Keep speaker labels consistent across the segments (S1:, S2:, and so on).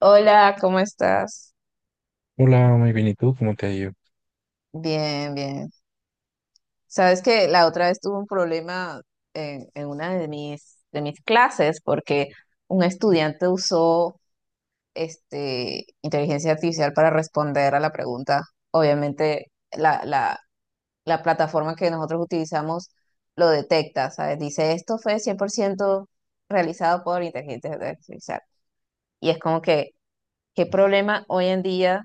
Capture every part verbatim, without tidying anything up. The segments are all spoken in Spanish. S1: Hola, ¿cómo estás?
S2: Hola, muy bien, ¿y tú? ¿Cómo te ha ido?
S1: Bien, bien. Sabes que la otra vez tuve un problema en, en una de mis, de mis clases porque un estudiante usó este, inteligencia artificial para responder a la pregunta. Obviamente la, la, la plataforma que nosotros utilizamos lo detecta, ¿sabes? Dice, esto fue cien por ciento realizado por inteligencia artificial. Y es como que, ¿qué problema hoy en día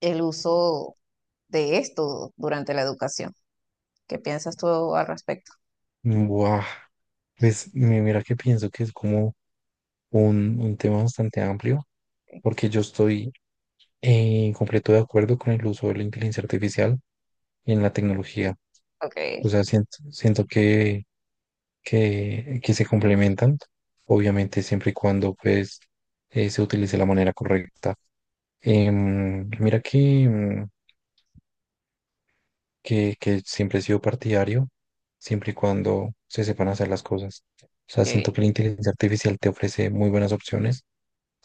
S1: el uso de esto durante la educación? ¿Qué piensas tú al respecto?
S2: Buah, pues mi- mira que pienso que es como un, un tema bastante amplio, porque yo estoy en completo de acuerdo con el uso de la inteligencia artificial en la tecnología.
S1: Ok,
S2: O sea, siento, siento que, que, que se complementan, obviamente siempre y cuando pues eh, se utilice de la manera correcta. Em, mira que, que, que siempre he sido partidario, siempre y cuando se sepan hacer las cosas. O sea, siento
S1: ok.
S2: que la inteligencia artificial te ofrece muy buenas opciones.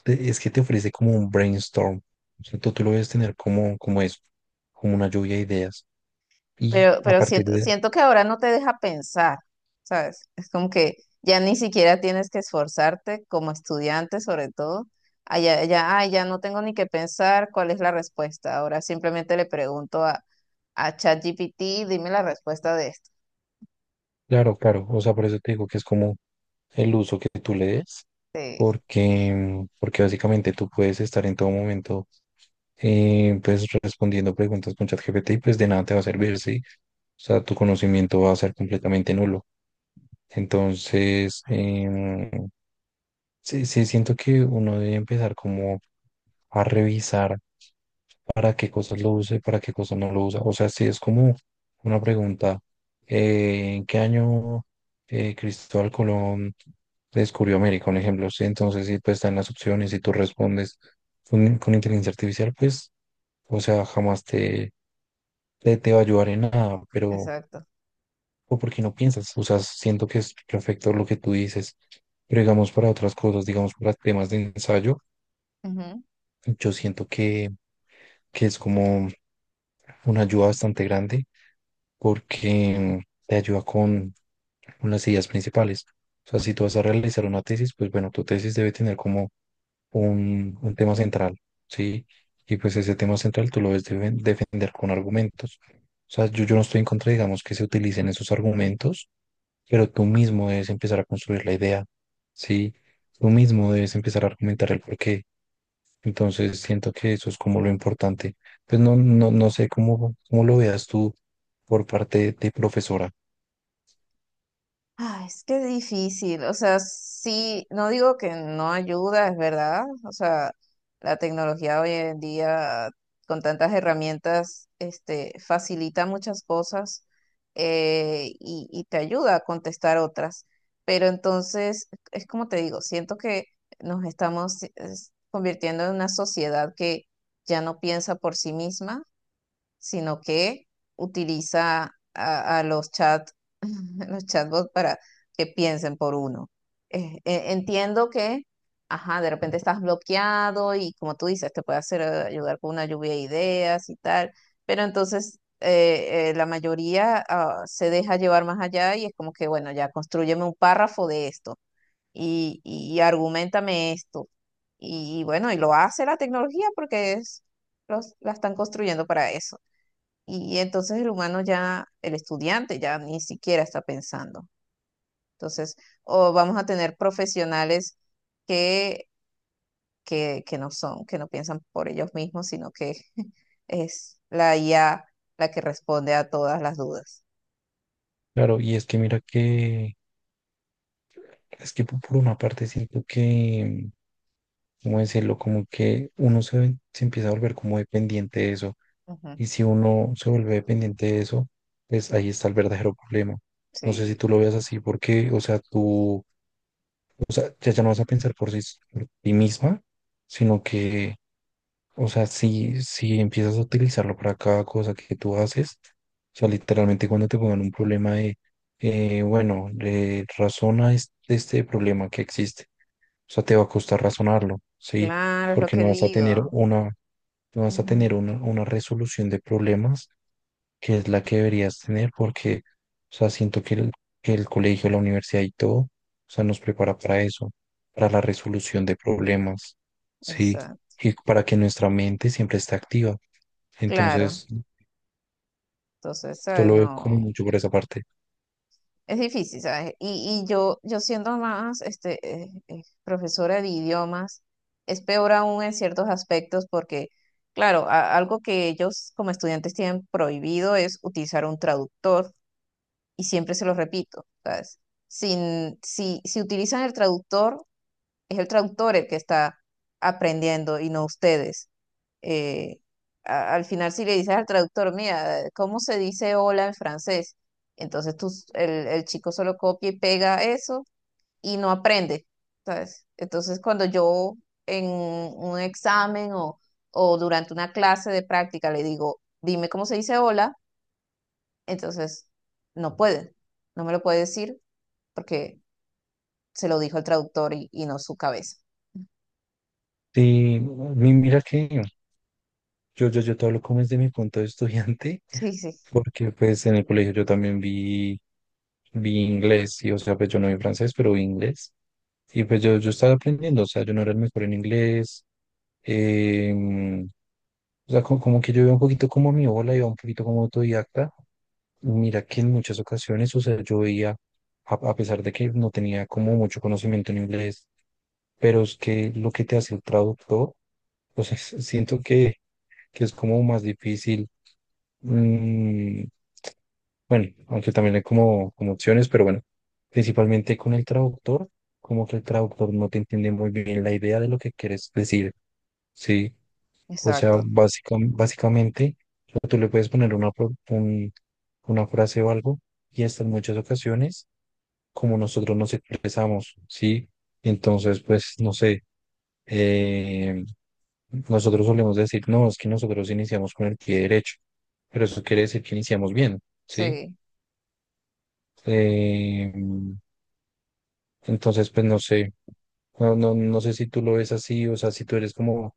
S2: Te- Es que te ofrece como un brainstorm. O sea, tú, tú lo debes tener como, como eso, como una lluvia de ideas. Y
S1: Pero,
S2: a
S1: pero
S2: partir
S1: siento,
S2: de...
S1: siento que ahora no te deja pensar, ¿sabes? Es como que ya ni siquiera tienes que esforzarte como estudiante, sobre todo. Ah, ya, ya, ah, ya no tengo ni que pensar cuál es la respuesta. Ahora simplemente le pregunto a, a ChatGPT, dime la respuesta de esto.
S2: Claro, claro. O sea, por eso te digo que es como el uso que tú le des,
S1: Sí,
S2: porque, porque básicamente tú puedes estar en todo momento eh, pues respondiendo preguntas con ChatGPT y pues de nada te va a servir, ¿sí? O sea, tu conocimiento va a ser completamente nulo. Entonces, em, sí, sí, siento que uno debe empezar como a revisar para qué cosas lo use, para qué cosas no lo usa. O sea, si es como una pregunta, eh, ¿en qué año eh, Cristóbal Colón descubrió América? Un ejemplo, ¿sí? Entonces, si pues están las opciones y tú respondes con, con inteligencia artificial, pues, o sea, jamás te te, te va a ayudar en nada, pero,
S1: exacto.
S2: o porque no piensas, o sea, siento que es perfecto lo que tú dices, pero digamos para otras cosas, digamos para temas de ensayo,
S1: Ujú.
S2: yo siento que, que es como una ayuda bastante grande porque mm, te ayuda con, con las ideas principales. O sea, si tú vas a realizar una tesis, pues bueno, tu tesis debe tener como un, un tema central, ¿sí? Y pues ese tema central tú lo debes defen- defender con argumentos. O sea, yo, yo no estoy en contra, digamos, que se utilicen esos argumentos, pero tú mismo debes empezar a construir la idea, ¿sí? Tú mismo debes empezar a argumentar el porqué. Entonces, siento que eso es como lo importante. Pues no, no, no sé cómo, cómo lo veas tú por parte de profesora.
S1: Ay, es que es difícil, o sea, sí, no digo que no ayuda, es verdad, o sea, la tecnología hoy en día con tantas herramientas, este, facilita muchas cosas eh, y, y te ayuda a contestar otras, pero entonces, es como te digo, siento que nos estamos es, convirtiendo en una sociedad que ya no piensa por sí misma sino que utiliza a, a los chat, los chatbots para que piensen por uno. Eh, eh, entiendo que, ajá, de repente estás bloqueado y como tú dices, te puede hacer eh, ayudar con una lluvia de ideas y tal, pero entonces eh, eh, la mayoría ah, se deja llevar más allá y es como que, bueno, ya constrúyeme un párrafo de esto y, y argumentame esto. Y, y bueno, y lo hace la tecnología porque es, los, la están construyendo para eso. Y entonces el humano ya, el estudiante ya ni siquiera está pensando. Entonces, o vamos a tener profesionales que, que, que no son, que no piensan por ellos mismos, sino que es la I A la que responde a todas las dudas.
S2: Claro, y es que mira que, es que po- por una parte siento que, ¿cómo decirlo? Como que uno se, ven- se empieza a volver como dependiente de eso.
S1: Ujú,
S2: Y si uno se vuelve dependiente de eso, pues ahí está el verdadero problema. No sé si
S1: sí,
S2: tú lo veas así, porque, o sea, tú O sea, ya, ya no vas a pensar por sí, por ti misma, sino que, o sea, si, si empiezas a utilizarlo para cada cosa que tú haces, o sea, literalmente cuando te pongan un problema de, eh, bueno, eh, razona este, este problema que existe, o sea, te va a costar razonarlo, ¿sí?
S1: claro, es lo
S2: Porque
S1: que
S2: no vas a tener
S1: digo.
S2: una, no vas a
S1: Ujú,
S2: tener una, una resolución de problemas que es la que deberías tener porque, o sea, siento que el, que el colegio, la universidad y todo, o sea, nos prepara para eso, para la resolución de problemas, ¿sí?
S1: exacto,
S2: Y para que nuestra mente siempre esté activa.
S1: claro.
S2: Entonces,
S1: Entonces,
S2: yo
S1: ¿sabes?
S2: lo veo como
S1: No.
S2: mucho por esa parte.
S1: Es difícil, ¿sabes? Y, y yo, yo siendo más este, eh, eh, profesora de idiomas, es peor aún en ciertos aspectos porque, claro, a- algo que ellos como estudiantes tienen prohibido es utilizar un traductor y siempre se lo repito, ¿sabes? Sin, si, si utilizan el traductor, es el traductor el que está aprendiendo y no ustedes eh, a- al final si le dices al traductor, mira, eh, ¿cómo se dice hola en francés? Entonces tú, s- el, el chico solo copia y pega eso y no aprende, ¿sabes? Entonces cuando yo en un examen o, o durante una clase de práctica le digo, dime cómo se dice hola, entonces no puede, no me lo puede decir porque se lo dijo el traductor y, y no su cabeza.
S2: Sí, mi- mira que yo, yo, yo te hablo como desde mi punto de estudiante,
S1: Sí, sí,
S2: porque pues en el colegio yo también vi, vi inglés, y o sea, pues yo no vi francés, pero vi inglés. Y pues yo, yo estaba aprendiendo, o sea, yo no era el mejor en inglés. Em, o sea, co- como, que yo iba un poquito como mi ola, iba un poquito como autodidacta. Mira que en muchas ocasiones, o sea, yo veía, a, a pesar de que no tenía como mucho conocimiento en inglés, pero es que lo que te hace el traductor, o sea, siento que, que es como más difícil. mm, bueno, aunque también hay como, como opciones, pero bueno, principalmente con el traductor, como que el traductor no te entiende muy bien la idea de lo que quieres decir, ¿sí? O sea,
S1: exacto.
S2: básica- básicamente, o sea, tú le puedes poner una, pro- un- una frase o algo y hasta en muchas ocasiones, como nosotros nos expresamos, ¿sí? Entonces, pues, no sé, eh, nosotros solemos decir, no, es que nosotros iniciamos con el pie derecho, pero eso quiere decir que iniciamos bien, ¿sí?
S1: Sí.
S2: Eh, entonces, pues, no sé, no, no, no sé si tú lo ves así, o sea, si tú eres como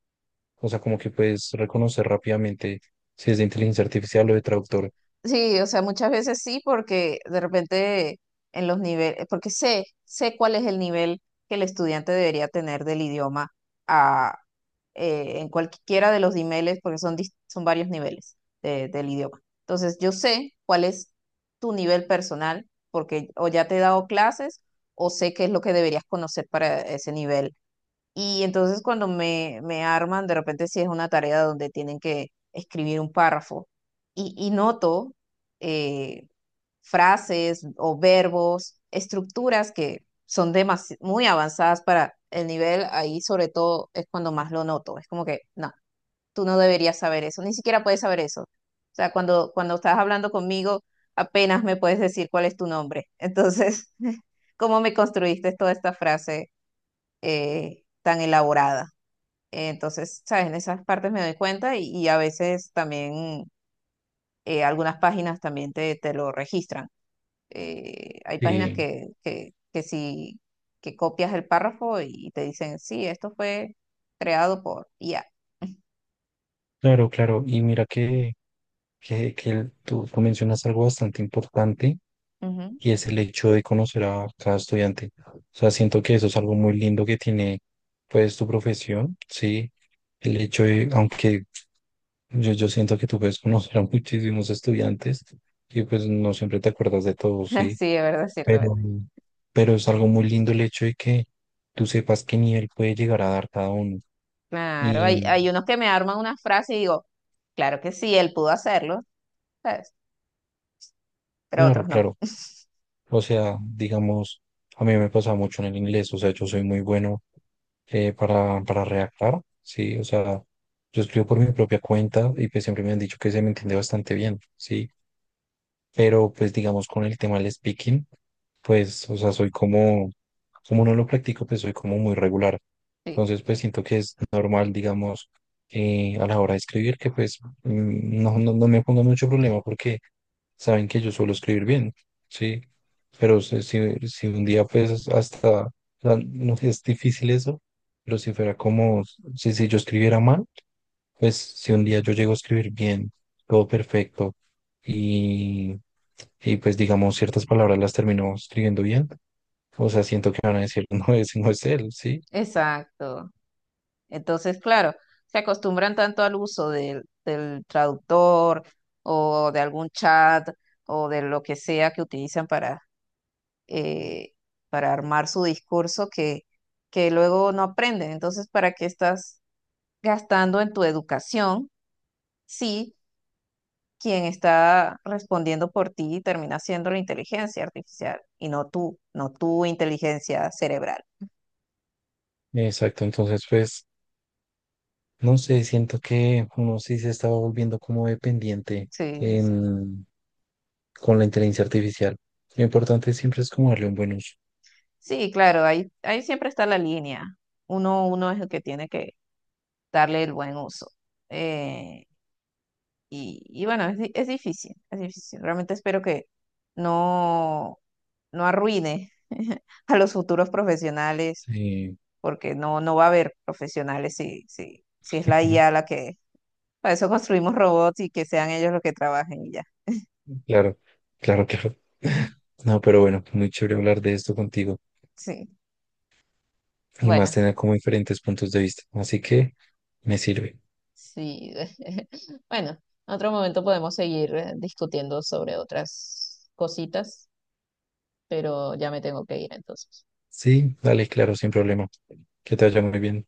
S2: O sea, como que puedes reconocer rápidamente si es de inteligencia artificial o de traductor.
S1: Sí, o sea, muchas veces sí, porque de repente en los niveles, porque sé, sé cuál es el nivel que el estudiante debería tener del idioma a, eh, en cualquiera de los niveles, porque son, dis- son varios niveles de- del idioma. Entonces, yo sé cuál es tu nivel personal, porque o ya te he dado clases, o sé qué es lo que deberías conocer para ese nivel y entonces cuando me, me arman, de repente si es una tarea donde tienen que escribir un párrafo y, y noto eh, frases o verbos, estructuras que son demasi- muy avanzadas para el nivel, ahí sobre todo es cuando más lo noto. Es como que, no, tú no deberías saber eso, ni siquiera puedes saber eso. O sea, cuando, cuando estás hablando conmigo, apenas me puedes decir cuál es tu nombre. Entonces, ¿cómo me construiste toda esta frase eh, tan elaborada? Entonces, ¿sabes? En esas partes me doy cuenta y, y a veces también eh, algunas páginas también te, te lo registran. Eh, hay páginas
S2: Sí,
S1: que, que, que si que copias el párrafo y te dicen, sí, esto fue creado por I A.
S2: claro, claro. Y mira que... que, que tú, tú mencionas algo bastante importante
S1: Ujú.
S2: y es el hecho de conocer a cada estudiante. O sea, siento que eso es algo muy lindo que tiene pues tu profesión, ¿sí? El hecho de, aunque yo, yo siento que tú puedes conocer a muchísimos estudiantes y pues no siempre te acuerdas de todos, ¿sí?
S1: Sí, es verdad, es cierto. Es verdad.
S2: Pero, pero es algo muy lindo el hecho de que tú sepas qué nivel puede llegar a dar cada uno.
S1: Claro, hay,
S2: Y
S1: hay unos que me arman una frase y digo, claro que sí, él pudo hacerlo, ¿sabes? Pero otros
S2: claro,
S1: no.
S2: claro. O sea, digamos, a mí me pasa mucho en el inglés, o sea, yo soy muy bueno eh, para, para redactar, sí, o sea, yo escribo por mi propia cuenta y pues siempre me han dicho que se me entiende bastante bien, sí, pero pues digamos con el tema del speaking, pues, o sea, soy como, como no lo practico, pues soy como muy regular.
S1: Sí,
S2: Entonces, pues siento que es normal, digamos, eh, a la hora de escribir, que pues mm, no, no, no me ponga mucho problema porque saben que yo suelo escribir bien, ¿sí? Pero si, si si un día pues hasta, o sea, no sé, es difícil eso, pero si fuera como, si, si yo escribiera mal, pues si un día yo llego a escribir bien, todo perfecto, y, y pues digamos ciertas palabras las termino escribiendo bien, o sea, siento que van a decir, no, ese no es él, ¿sí?
S1: exacto. Entonces, claro, se acostumbran tanto al uso del, del traductor o de algún chat o de lo que sea que utilizan para, eh, para armar su discurso que, que luego no aprenden. Entonces, ¿para qué estás gastando en tu educación si quien está respondiendo por ti termina siendo la inteligencia artificial y no tú, no tu inteligencia cerebral?
S2: Exacto, entonces pues, no sé, siento que uno sí se estaba volviendo como dependiente
S1: Sí, sí, sí,
S2: en, con la inteligencia artificial. Lo importante siempre es como darle un buen uso.
S1: sí, claro, ahí, ahí siempre está la línea. Uno, uno es el que tiene que darle el buen uso. Eh, y, y bueno, es, di- es difícil, es difícil. Realmente espero que no, no arruine a los futuros profesionales,
S2: Sí,
S1: porque no, no va a haber profesionales si, si, si es la I A la que... Para eso construimos robots y que sean ellos los que trabajen y ya.
S2: claro, claro, claro. No, pero bueno, muy chévere hablar de esto contigo.
S1: Sí,
S2: Y más
S1: bueno,
S2: tener como diferentes puntos de vista. Así que me sirve.
S1: sí. Bueno, en otro momento podemos seguir eh, discutiendo sobre otras cositas, pero ya me tengo que ir entonces.
S2: Sí, dale, claro, sin problema. Que te vaya muy bien.